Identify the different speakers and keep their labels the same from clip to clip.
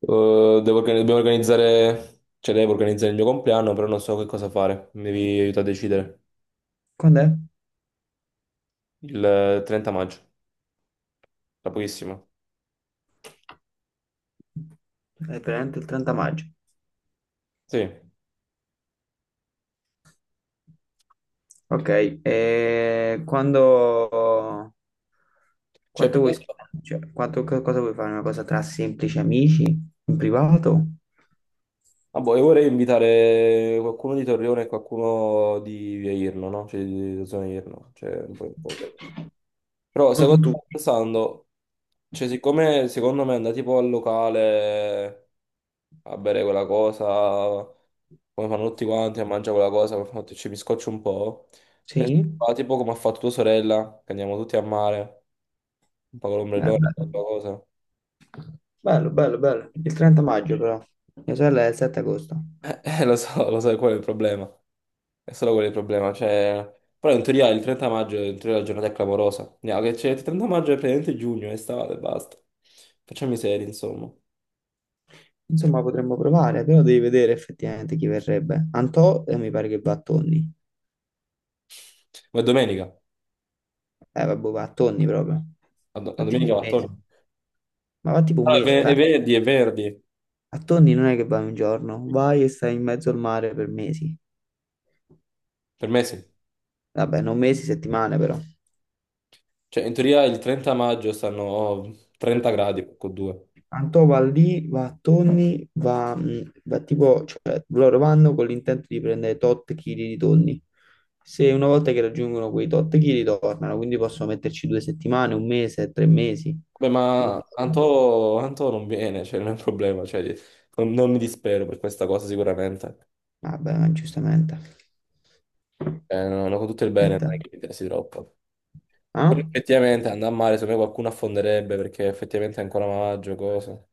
Speaker 1: Devo dobbiamo organizzare, cioè devo organizzare il mio compleanno, però non so che cosa fare. Mi devi aiutare a decidere.
Speaker 2: Quando è?
Speaker 1: Il 30 maggio, tra pochissimo.
Speaker 2: È veramente il 30 maggio.
Speaker 1: Sì.
Speaker 2: Ok, e quando...
Speaker 1: Cioè,
Speaker 2: quanto
Speaker 1: più che
Speaker 2: vuoi
Speaker 1: altro...
Speaker 2: spendere? Cioè, cosa vuoi fare? Una cosa tra semplici amici, in privato?
Speaker 1: Ah, boh, io vorrei invitare qualcuno di Torrione e qualcuno di Via Irno, no? Cioè, di zona Irno. Cioè, un po'... un po'. Però,
Speaker 2: Non
Speaker 1: secondo
Speaker 2: tu.
Speaker 1: stavo pensando, cioè, siccome secondo me andare tipo al locale a bere quella cosa... come fanno tutti quanti a mangiare quella cosa, poi fanno, "Ti- ci mi scoccio un po'. E si
Speaker 2: Sì?
Speaker 1: fa tipo come ha fatto tua sorella, che andiamo tutti a mare, un po' con l'ombrellone,
Speaker 2: Bello,
Speaker 1: quella cosa.
Speaker 2: bello. Il 30 maggio però. Mia sorella è il 7 agosto.
Speaker 1: Lo so, quello è il problema. È solo quello il problema. Cioè... Però in teoria il 30 maggio è in teoria la giornata è clamorosa. No, che c'è il 30 maggio è praticamente giugno, è estate, basta. Facciamo i seri, insomma.
Speaker 2: Insomma, potremmo provare, però devi vedere effettivamente chi verrebbe. Antò, mi pare che va a Tonni.
Speaker 1: Ma è domenica.
Speaker 2: Vabbè, va a Tonni proprio.
Speaker 1: A
Speaker 2: Va tipo
Speaker 1: domenica
Speaker 2: un
Speaker 1: va
Speaker 2: mese.
Speaker 1: attorno.
Speaker 2: Ma va tipo un
Speaker 1: Ah, è
Speaker 2: mese,
Speaker 1: ven-
Speaker 2: fa.
Speaker 1: è venerdì, è venerdì.
Speaker 2: A Tonni non è che vai un giorno, vai e stai in mezzo al mare per mesi.
Speaker 1: Per me sì.
Speaker 2: Vabbè, non mesi, settimane però.
Speaker 1: Cioè, in teoria il 30 maggio stanno 30 gradi, con due.
Speaker 2: Antò va lì, va a tonni, va, va tipo, cioè loro vanno con l'intento di prendere tot chili di tonni. Se una volta che raggiungono quei tot chili tornano, quindi possono metterci due settimane, un mese, tre mesi.
Speaker 1: Beh,
Speaker 2: Un
Speaker 1: ma
Speaker 2: giorno.
Speaker 1: Anto non viene, cioè non è un problema, cioè, non mi dispero per questa cosa sicuramente.
Speaker 2: Vabbè, ma giustamente.
Speaker 1: Non ho tutto il bene,
Speaker 2: Aspetta.
Speaker 1: non è che mi interessi troppo. Però
Speaker 2: Ah?
Speaker 1: effettivamente andare a mare, secondo me qualcuno affonderebbe perché effettivamente è ancora maggio, cose.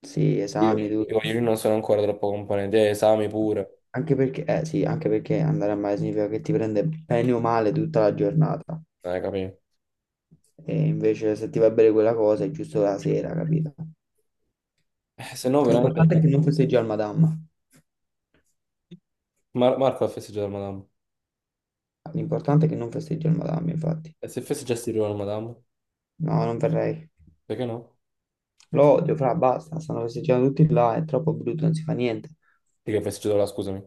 Speaker 2: Sì,
Speaker 1: Io,
Speaker 2: esami, tutto.
Speaker 1: io io non sono ancora troppo componente, esami pure,
Speaker 2: Anche perché, sì, anche perché andare a mare significa che ti prende bene o male tutta la giornata.
Speaker 1: capito?
Speaker 2: E invece se ti va bene quella cosa è giusto la sera, capito?
Speaker 1: Se no veramente...
Speaker 2: L'importante è che non festeggi al Madama.
Speaker 1: Marco ha festeggiato la Madame.
Speaker 2: L'importante è che non festeggi al Madama, infatti.
Speaker 1: E se festeggiassi prima la Madame?
Speaker 2: No, non verrei.
Speaker 1: Perché no?
Speaker 2: Lo odio, fra, basta. Stanno festeggiando tutti là, è troppo brutto, non si fa niente.
Speaker 1: Perché ha festeggiato la, scusami.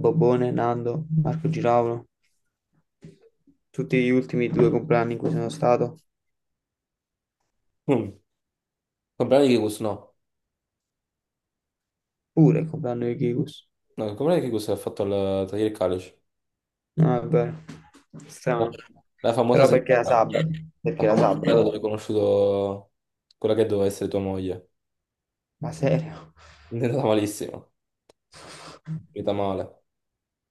Speaker 2: Bobone, Nando, Marco Giraulo, tutti gli ultimi due compleanni in cui sono stato.
Speaker 1: Mm. Comprare di Kikus, no.
Speaker 2: Pure il compleanno di Kikus.
Speaker 1: No, comprare di Kikus ha fatto il tagliare il calice.
Speaker 2: No, è vero.
Speaker 1: No,
Speaker 2: Strano.
Speaker 1: La famosa
Speaker 2: Però perché
Speaker 1: serata,
Speaker 2: era sabato?
Speaker 1: la
Speaker 2: Perché era
Speaker 1: famosa serata
Speaker 2: sabato?
Speaker 1: dove hai conosciuto quella che doveva essere tua moglie.
Speaker 2: Ma serio?
Speaker 1: È andata malissimo, è finita male.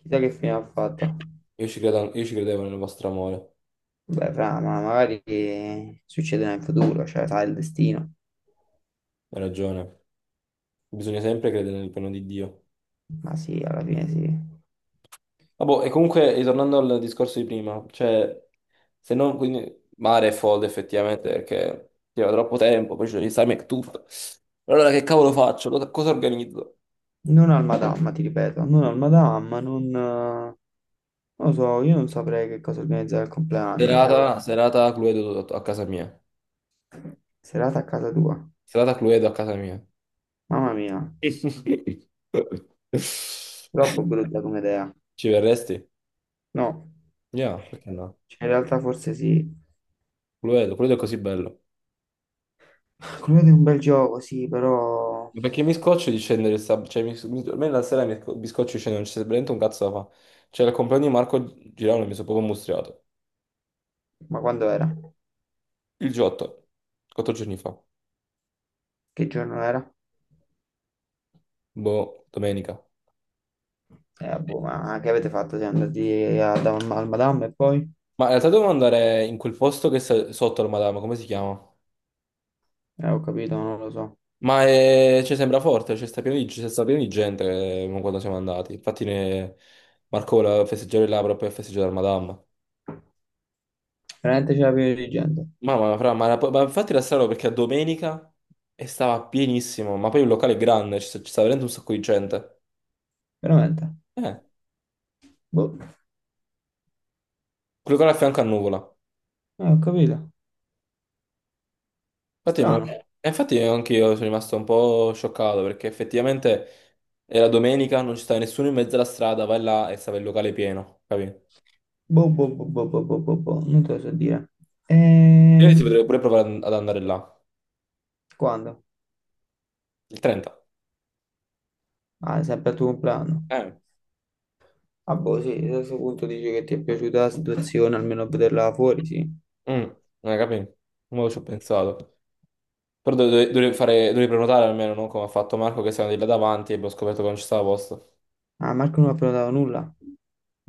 Speaker 2: Chissà che fine ha fatto.
Speaker 1: Io ci credevo nel vostro amore,
Speaker 2: Beh, fra, ma magari succederà in futuro, cioè sai il destino.
Speaker 1: hai ragione. Bisogna sempre credere nel piano di Dio.
Speaker 2: Ma sì, alla fine sì.
Speaker 1: Vabbè, e comunque, ritornando al discorso di prima, cioè, se non, quindi, mare è folle effettivamente perché c'era troppo tempo, poi c'è l'esame e tutto. Allora che cavolo faccio? Cosa organizzo?
Speaker 2: Non al Madama, ti ripeto, non al Madama, non lo so, io non saprei che cosa organizzare al compleanno,
Speaker 1: Serata, serata Cluedo a casa mia.
Speaker 2: serata a casa tua.
Speaker 1: Serata Cluedo a casa mia.
Speaker 2: Mamma mia, troppo brutta come idea.
Speaker 1: Ci verresti?
Speaker 2: No,
Speaker 1: Yeah, perché no?
Speaker 2: cioè in realtà forse sì,
Speaker 1: Lo vedo, quello è così bello.
Speaker 2: quello di un bel gioco, sì, però...
Speaker 1: Perché mi scoccio di scendere, sta- cioè, a me la sera mi scoccio di scendere, non c'è veramente un cazzo da fare. Cioè, al compleanno di Marco Girano mi sono proprio mostriato.
Speaker 2: Ma quando era?
Speaker 1: Il G8, quattro giorni fa,
Speaker 2: Che giorno era?
Speaker 1: boh, domenica.
Speaker 2: Boh, ma che avete fatto? Siete andati al Madame e poi?
Speaker 1: Ma in realtà dovevo andare in quel posto che sta sotto al Madama, come si chiama?
Speaker 2: Ho capito, non lo so.
Speaker 1: Ma è, cioè, sembra forte, c'è sta pieno di gente quando siamo andati. Marco voleva festeggiare là proprio per festeggiare al Madama.
Speaker 2: Veramente c'era pieno di gente.
Speaker 1: Mamma, fra, ma infatti era strano perché a domenica e stava pienissimo, ma poi il locale è grande, ci sta veramente un sacco di gente.
Speaker 2: Veramente.
Speaker 1: Eh,
Speaker 2: Boh,
Speaker 1: quel locale a fianco a Nuvola.
Speaker 2: ho capito.
Speaker 1: Infatti, me lo-
Speaker 2: Strano.
Speaker 1: e infatti anche io sono rimasto un po' scioccato perché effettivamente era domenica, non ci stava nessuno in mezzo alla strada, vai là e stava il locale pieno, capito?
Speaker 2: Boh, boh, boh, boh, boh, boh, boh, boh. Non te lo so dire. E...
Speaker 1: Io si potrebbe pure provare ad andare là,
Speaker 2: quando?
Speaker 1: il 30.
Speaker 2: Ah, sempre al tuo compleanno.
Speaker 1: Eh,
Speaker 2: Ah, boh, sì, a questo punto dici che ti è piaciuta la situazione, almeno vederla fuori, sì.
Speaker 1: mm, capito? Mo ci ho pensato. Però dovrei prenotare almeno, non come ha fatto Marco che stava di là davanti e abbiamo scoperto che non ci stava posto.
Speaker 2: Ah, Marco non ha prenotato nulla.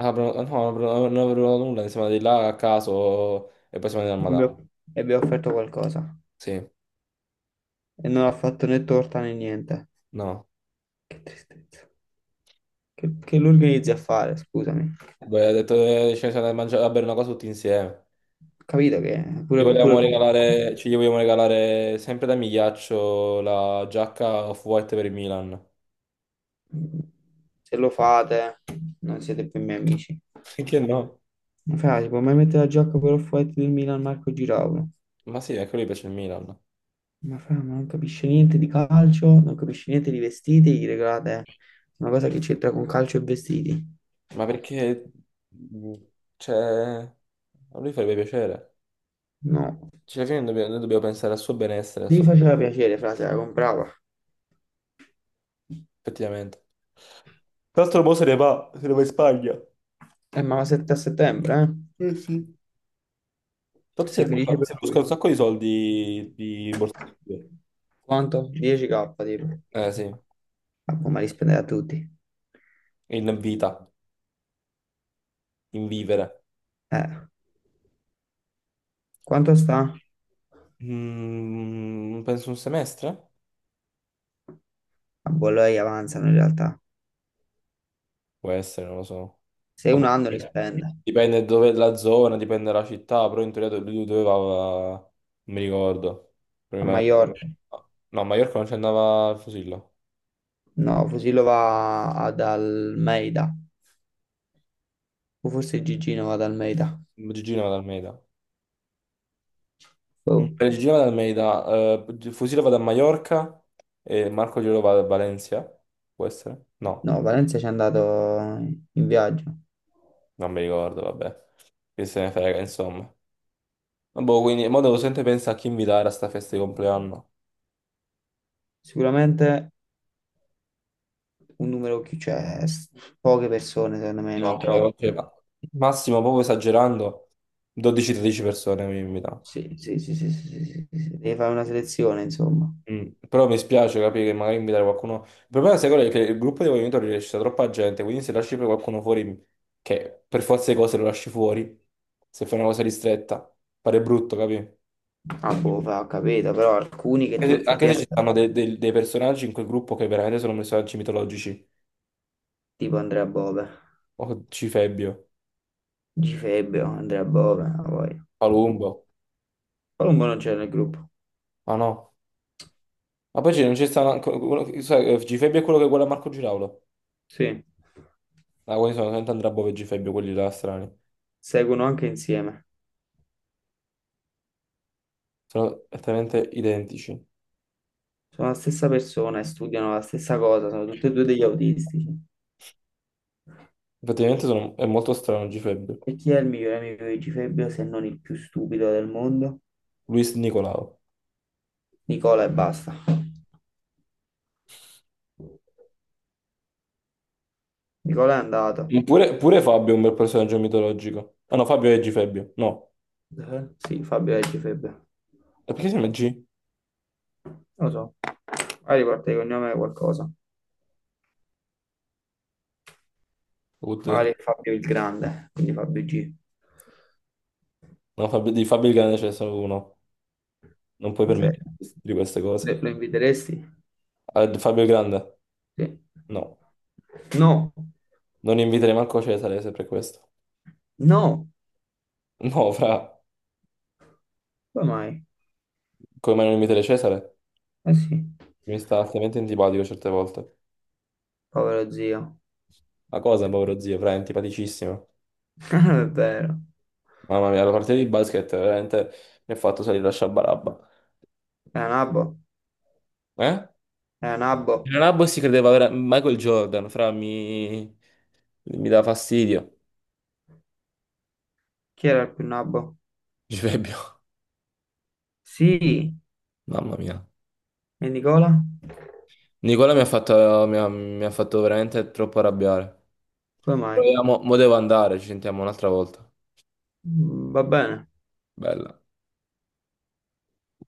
Speaker 1: Ah, però- no, però non avevo nulla, insomma, di là a caso e poi siamo andati al Madama.
Speaker 2: abbiamo- e abbiamo offerto qualcosa
Speaker 1: Sì,
Speaker 2: e non ha fatto né torta né niente.
Speaker 1: no.
Speaker 2: Che tristezza. Che lo organizzi a fare, scusami.
Speaker 1: Beh, ha detto che ci siamo andati a mangiare, a bere una cosa tutti insieme.
Speaker 2: Capito che pure, pure con voi,
Speaker 1: Gli vogliamo regalare sempre da Migliaccio la giacca off-white per il Milan.
Speaker 2: se lo fate non siete più miei amici.
Speaker 1: Perché no?
Speaker 2: Ma fra, si può mai mettere la giacca per Off-White del Milan Marco Giraulo?
Speaker 1: Ma sì, anche a lui piace il Milan.
Speaker 2: Ma fra, ma non capisce niente di calcio, non capisce niente di vestiti, gli regalate una cosa che c'entra con calcio e vestiti?
Speaker 1: Ma perché... mh, Cioè... A lui farebbe piacere.
Speaker 2: No.
Speaker 1: Cioè, noi dobbiamo pensare al suo benessere, al
Speaker 2: Se gli
Speaker 1: suo...
Speaker 2: faceva piacere, fra, se la comprava.
Speaker 1: effettivamente. Tra l'altro, mo se ne va, se ne va in Spagna.
Speaker 2: Ma la 7 a settembre, eh?
Speaker 1: Eh sì. Tanto
Speaker 2: Sei felice per
Speaker 1: se busca un
Speaker 2: lui?
Speaker 1: sacco di soldi di borsa.
Speaker 2: Quanto? 10K, tipo.
Speaker 1: Eh sì,
Speaker 2: Ma come li spendere a tutti?
Speaker 1: in vita, in vivere.
Speaker 2: Eh, quanto sta?
Speaker 1: Mm, penso un semestre?
Speaker 2: A Bologna avanzano in realtà.
Speaker 1: Può essere, non lo so.
Speaker 2: Se
Speaker 1: Ah,
Speaker 2: un
Speaker 1: boh.
Speaker 2: anno li spende.
Speaker 1: Dipende dove la zona, dipende dalla città, però in teoria lui doveva... Non mi ricordo.
Speaker 2: A
Speaker 1: Prima...
Speaker 2: Maiorca.
Speaker 1: No, a Maiorca non ci andava il Fusillo.
Speaker 2: No, Fusillo va ad Almeida. O forse Gigino va ad Almeida.
Speaker 1: Gigino va da Almeida. Mm,
Speaker 2: Boh.
Speaker 1: per Gigino va da Almeida, Fusillo va da Maiorca e Marco Glielo va da Valencia. Può essere? No.
Speaker 2: No, Valencia ci è andato in viaggio.
Speaker 1: Non mi ricordo, vabbè. Che se ne frega, insomma. Ma boh, quindi, mo devo sempre pensare a chi invitare a sta festa di compleanno.
Speaker 2: Sicuramente un numero chi c'è, poche persone secondo me,
Speaker 1: No,
Speaker 2: non troppo.
Speaker 1: massimo, proprio esagerando, 12-13 persone mi invitano.
Speaker 2: Sì, sì, sì, sì, sì, sì, sì, sì. Devi fare una selezione, insomma.
Speaker 1: Mm. Però mi spiace capire che magari invitare qualcuno. Il problema, sai qual è? Che il gruppo dei movimenti riesce a troppa gente, quindi se lasci poi qualcuno fuori, che per forza di cose lo lasci fuori, se fai una cosa ristretta, pare brutto, capì?
Speaker 2: Ah, Bove, ho capito, però alcuni che tu
Speaker 1: Anche se ci
Speaker 2: effettivamente,
Speaker 1: stanno dei personaggi in quel gruppo che veramente sono personaggi mitologici,
Speaker 2: tipo Andrea Bove,
Speaker 1: o Cifebbio.
Speaker 2: Gifebbio, Andrea Bove, ah, poi
Speaker 1: Palumbo.
Speaker 2: Colombo non c'è nel gruppo,
Speaker 1: Ah no. Ma non c'è stato anche uno, che- sai, Gfebbio è quello che guarda Marco Giraulo.
Speaker 2: sì,
Speaker 1: Ah, quelli sono veramente Andrea Bove e Gfebbio, quelli là strani.
Speaker 2: seguono anche insieme,
Speaker 1: Sono esattamente identici.
Speaker 2: sono la stessa persona e studiano la stessa cosa, sono tutti e due degli autistici.
Speaker 1: Praticamente sono, è molto strano Gfebbio.
Speaker 2: E chi è il migliore amico di Gifebbio se non il più stupido del mondo?
Speaker 1: Luis Nicolao.
Speaker 2: Nicola e basta. Nicola è andato.
Speaker 1: Ma pure, pure Fabio è un bel personaggio mitologico. Ah no, Fabio è Gfebbio. No.
Speaker 2: Eh? Sì, Fabio è Gifebbio,
Speaker 1: E perché si chiama G?
Speaker 2: lo so, magari parte di cognome è qualcosa,
Speaker 1: What the-
Speaker 2: magari è Fabio il Grande, quindi Fabio G.
Speaker 1: No, Fabio, di Fabio il Grande c'è solo uno. Non puoi
Speaker 2: Ma se
Speaker 1: permetterti di queste cose.
Speaker 2: lo inviteresti?
Speaker 1: Ah, di Fabio il Grande?
Speaker 2: Sì.
Speaker 1: No.
Speaker 2: No,
Speaker 1: Non inviterei manco Cesare se per questo.
Speaker 2: no,
Speaker 1: No, fra.
Speaker 2: come mai?
Speaker 1: Come mai non inviterei Cesare?
Speaker 2: Eh sì,
Speaker 1: Mi sta altamente antipatico certe volte.
Speaker 2: povero zio.
Speaker 1: Ma cosa, povero zio, fra, è antipaticissimo.
Speaker 2: Non è vero.
Speaker 1: Mamma mia, la partita di basket veramente mi ha fatto salire la sciabarabba.
Speaker 2: Era nabbo,
Speaker 1: Eh?
Speaker 2: era nabbo.
Speaker 1: Il Nabbo si credeva vera- Michael Jordan, fra, mi dà fastidio.
Speaker 2: Chi era il più nabbo?
Speaker 1: Givebbio,
Speaker 2: Sì,
Speaker 1: mamma mia.
Speaker 2: e Nicola?
Speaker 1: Nicola mi ha fatto, mi ha fatto veramente troppo arrabbiare.
Speaker 2: Come mai?
Speaker 1: Proviamo, mo devo andare, ci sentiamo un'altra volta.
Speaker 2: Mm, va bene.
Speaker 1: Bella.